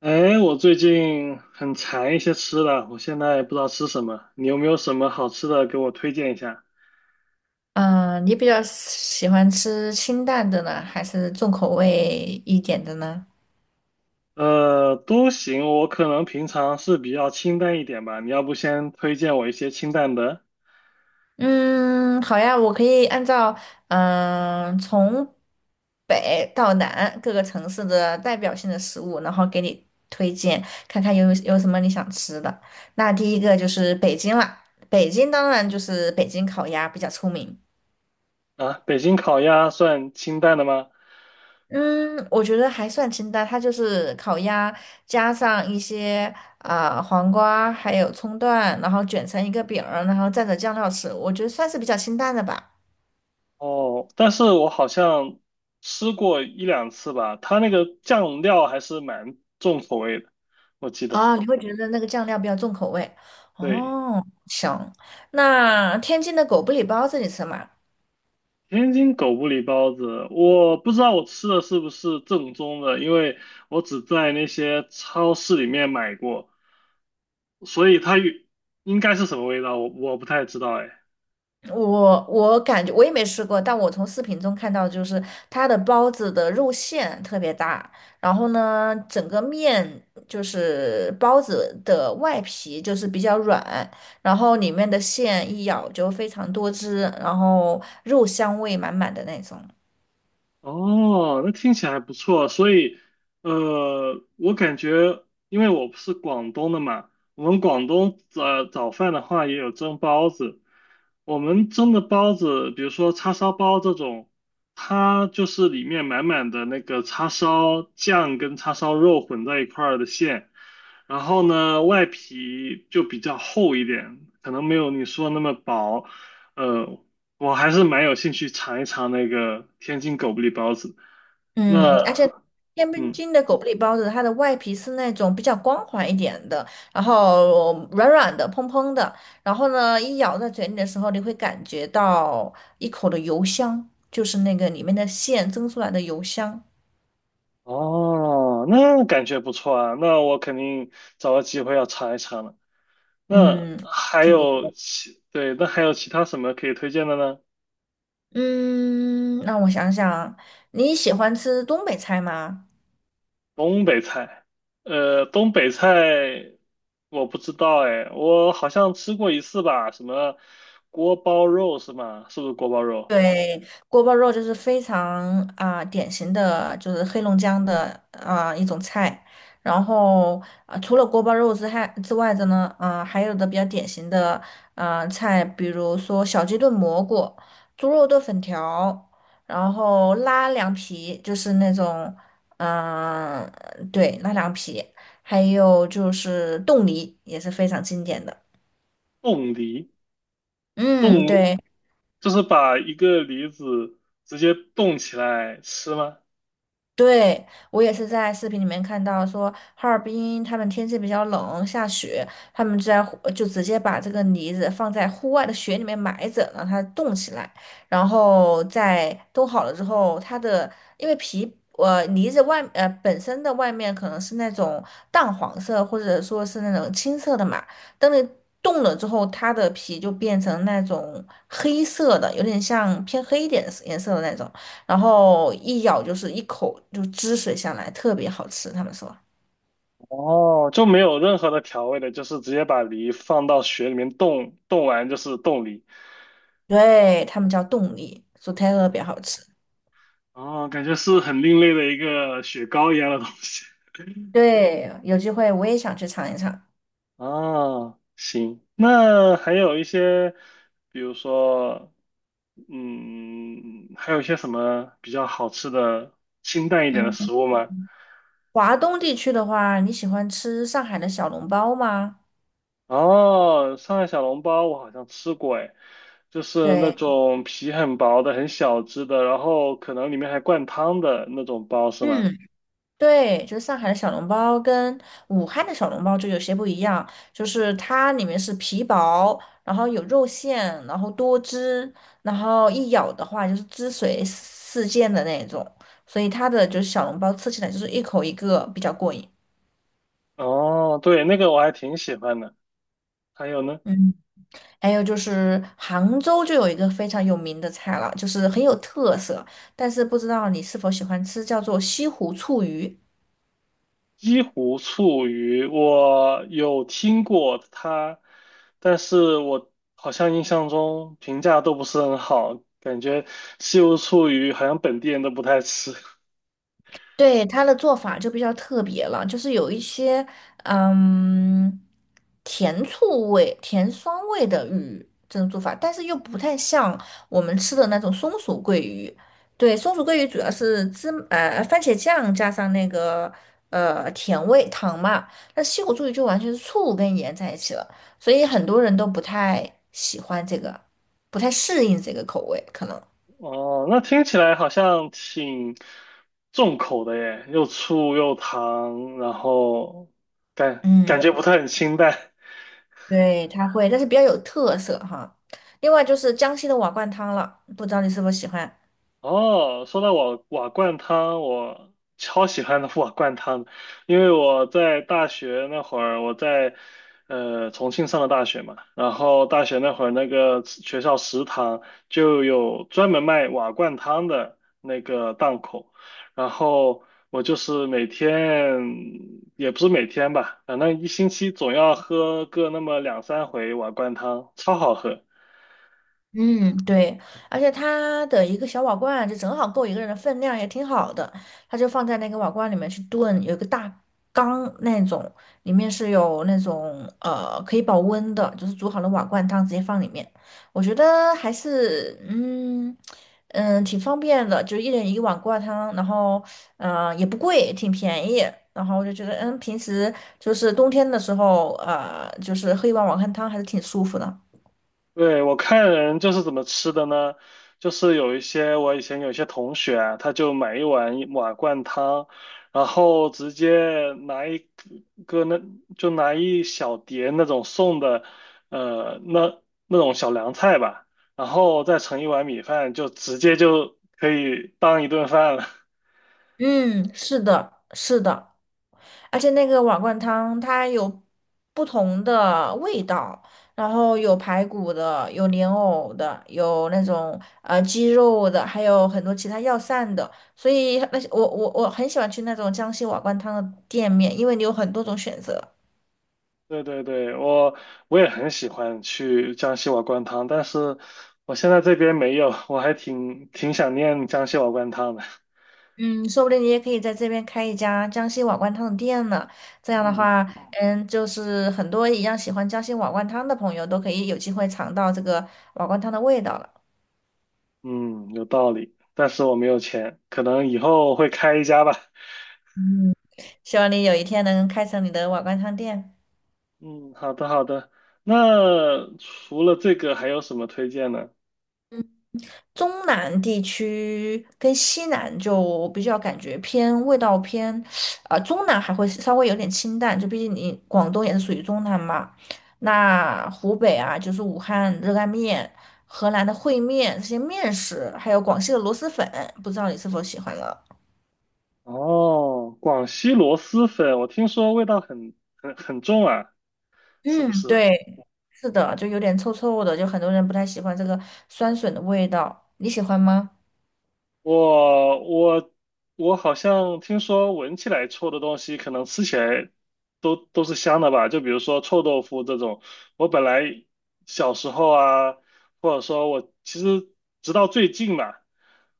哎，我最近很馋一些吃的，我现在不知道吃什么，你有没有什么好吃的给我推荐一下？你比较喜欢吃清淡的呢，还是重口味一点的呢？都行，我可能平常是比较清淡一点吧，你要不先推荐我一些清淡的。嗯，好呀，我可以按照从北到南各个城市的代表性的食物，然后给你推荐，看看有什么你想吃的。那第一个就是北京啦，北京当然就是北京烤鸭比较出名。啊？北京烤鸭算清淡的吗？嗯，我觉得还算清淡，它就是烤鸭加上一些黄瓜，还有葱段，然后卷成一个饼儿，然后蘸着酱料吃，我觉得算是比较清淡的吧。哦，但是我好像吃过一两次吧，它那个酱料还是蛮重口味的，我记得，啊，你会觉得那个酱料比较重口味。对。哦，行，那天津的狗不理包子你吃吗？天津狗不理包子，我不知道我吃的是不是正宗的，因为我只在那些超市里面买过，所以它与应该是什么味道，我不太知道哎。我感觉我也没吃过，但我从视频中看到，就是它的包子的肉馅特别大，然后呢，整个面就是包子的外皮就是比较软，然后里面的馅一咬就非常多汁，然后肉香味满满的那种。哦，那听起来不错。所以，我感觉，因为我不是广东的嘛，我们广东早饭的话也有蒸包子。我们蒸的包子，比如说叉烧包这种，它就是里面满满的那个叉烧酱跟叉烧肉混在一块儿的馅，然后呢，外皮就比较厚一点，可能没有你说那么薄。呃，我还是蛮有兴趣尝一尝那个天津狗不理包子。嗯，那，而且天嗯，津的狗不理包子，它的外皮是那种比较光滑一点的，然后软软的、蓬蓬的，然后呢，一咬在嘴里的时候，你会感觉到一口的油香，就是那个里面的馅蒸出来的油香，哦，那感觉不错啊。那我肯定找个机会要尝一尝了。那嗯，还挺不有错。其，对，那还有其他什么可以推荐的呢？嗯，让我想想，你喜欢吃东北菜吗？东北菜，东北菜我不知道哎，我好像吃过一次吧，什么锅包肉是吗？是不是锅包肉？对，锅包肉就是非常典型的，就是黑龙江的一种菜。然后除了锅包肉之外的呢，还有的比较典型的菜，比如说小鸡炖蘑菇、猪肉炖粉条，然后拉凉皮，就是那种嗯、对，拉凉皮，还有就是冻梨也是非常经典的。冻梨？嗯，冻，对。就是把一个梨子直接冻起来吃吗？对，我也是在视频里面看到说，哈尔滨他们天气比较冷，下雪，他们在户就直接把这个梨子放在户外的雪里面埋着，让它冻起来，然后在冻好了之后，它的因为皮梨子本身的外面可能是那种淡黄色或者说是那种青色的嘛，等你冻了之后，它的皮就变成那种黑色的，有点像偏黑一点的颜色的那种。然后一咬就是一口就汁水下来，特别好吃。他们说，哦，就没有任何的调味的，就是直接把梨放到雪里面冻，冻完就是冻梨。对，他们叫冻梨，说特哦，别好吃。哦，感觉是很另类的一个雪糕一样的东西。对，有机会我也想去尝一尝。哦，行，那还有一些，比如说，嗯，还有一些什么比较好吃的清淡一点的食嗯，物吗？华东地区的话，你喜欢吃上海的小笼包吗？哦，上海小笼包我好像吃过，哎，就是那对，种皮很薄的、很小只的，然后可能里面还灌汤的那种包，是吗？嗯，对，就是上海的小笼包跟武汉的小笼包就有些不一样，就是它里面是皮薄，然后有肉馅，然后多汁，然后一咬的话就是汁水四溅的那种，所以它的就是小笼包吃起来就是一口一个比较过瘾。哦，对，那个我还挺喜欢的。还有呢，还有就是杭州就有一个非常有名的菜了，就是很有特色，但是不知道你是否喜欢吃，叫做西湖醋鱼。西湖醋鱼，我有听过它，但是我好像印象中评价都不是很好，感觉西湖醋鱼好像本地人都不太吃。对，它的做法就比较特别了，就是有一些嗯甜醋味、甜酸味的鱼这种做法，但是又不太像我们吃的那种松鼠桂鱼。对，松鼠桂鱼主要是番茄酱加上那个甜味糖嘛，那西湖醋鱼就完全是醋跟盐在一起了，所以很多人都不太喜欢这个，不太适应这个口味，可能。哦，那听起来好像挺重口的耶，又醋又糖，然后感嗯。感觉不太很清淡。对，它会，但是比较有特色哈。另外就是江西的瓦罐汤了，不知道你是否喜欢？哦，说到瓦罐汤，我超喜欢的瓦罐汤的，因为我在大学那会儿，我在重庆上的大学嘛，然后大学那会儿那个学校食堂就有专门卖瓦罐汤的那个档口，然后我就是每天也不是每天吧，反正一星期总要喝个那么两三回瓦罐汤，超好喝。嗯，对，而且它的一个小瓦罐，就正好够一个人的分量，也挺好的。它就放在那个瓦罐里面去炖，有一个大缸那种，里面是有那种可以保温的，就是煮好的瓦罐汤直接放里面。我觉得还是挺方便的，就一人一个碗挂汤，然后也不贵，挺便宜。然后我就觉得嗯，平时就是冬天的时候，呃，就是喝一碗瓦罐汤还是挺舒服的。对，我看人就是怎么吃的呢？就是有一些我以前有一些同学啊，他就买一碗一瓦罐汤，然后直接拿一个那就拿一小碟那种送的，呃，那那种小凉菜吧，然后再盛一碗米饭，就直接就可以当一顿饭了。嗯，是的，是的，而且那个瓦罐汤它有不同的味道，然后有排骨的，有莲藕的，有那种鸡肉的，还有很多其他药膳的，所以那些我很喜欢去那种江西瓦罐汤的店面，因为你有很多种选择。对对对，我也很喜欢去江西瓦罐汤，但是我现在这边没有，我还挺想念江西瓦罐汤的。嗯，说不定你也可以在这边开一家江西瓦罐汤的店呢。这样的嗯话，嗯，就是很多一样喜欢江西瓦罐汤的朋友都可以有机会尝到这个瓦罐汤的味道了。嗯，有道理，但是我没有钱，可能以后会开一家吧。嗯，希望你有一天能开成你的瓦罐汤店。嗯，好的好的。那除了这个还有什么推荐呢？嗯，中南地区跟西南就比较感觉偏味道偏，啊，中南还会稍微有点清淡，就毕竟你广东也是属于中南嘛。那湖北啊，就是武汉热干面、河南的烩面这些面食，还有广西的螺蛳粉，不知道你是否喜欢了？哦，广西螺蛳粉，我听说味道很重啊，是不嗯，是？对，是的，就有点臭臭的，就很多人不太喜欢这个酸笋的味道，你喜欢吗？我我我好像听说闻起来臭的东西，可能吃起来都是香的吧？就比如说臭豆腐这种，我本来小时候啊，或者说我其实直到最近吧，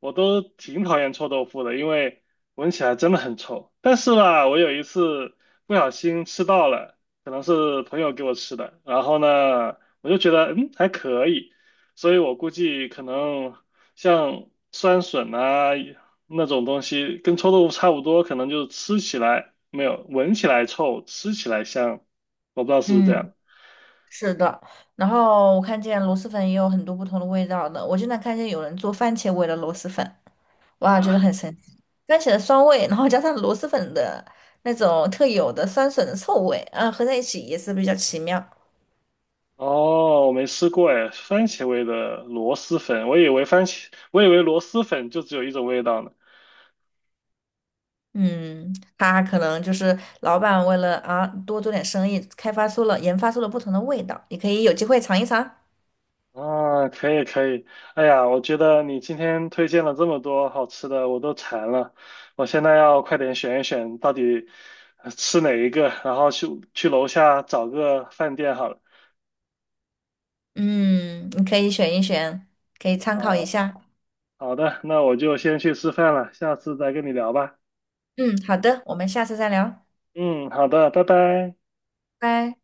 我都挺讨厌臭豆腐的，因为闻起来真的很臭。但是吧，我有一次不小心吃到了，可能是朋友给我吃的，然后呢，我就觉得嗯还可以。所以我估计可能像酸笋啊那种东西，跟臭豆腐差不多，可能就是吃起来没有，闻起来臭，吃起来香。我不知道是不是这嗯。样是的，然后我看见螺蛳粉也有很多不同的味道的。我经常看见有人做番茄味的螺蛳粉，哇，觉得啊？很神奇。番茄的酸味，然后加上螺蛳粉的那种特有的酸笋的臭味，啊，合在一起也是比较奇妙。哦，我没吃过哎，番茄味的螺蛳粉，我以为番茄，我以为螺蛳粉就只有一种味道呢。嗯，他可能就是老板为了啊多做点生意，开发出了研发出了不同的味道，你可以有机会尝一尝。啊，可以可以，哎呀，我觉得你今天推荐了这么多好吃的，我都馋了，我现在要快点选一选到底吃哪一个，然后去楼下找个饭店好了。嗯，你可以选一选，可以参考一好下。好的，那我就先去吃饭了，下次再跟你聊吧。嗯，好的，我们下次再聊，嗯，好的，拜拜。拜。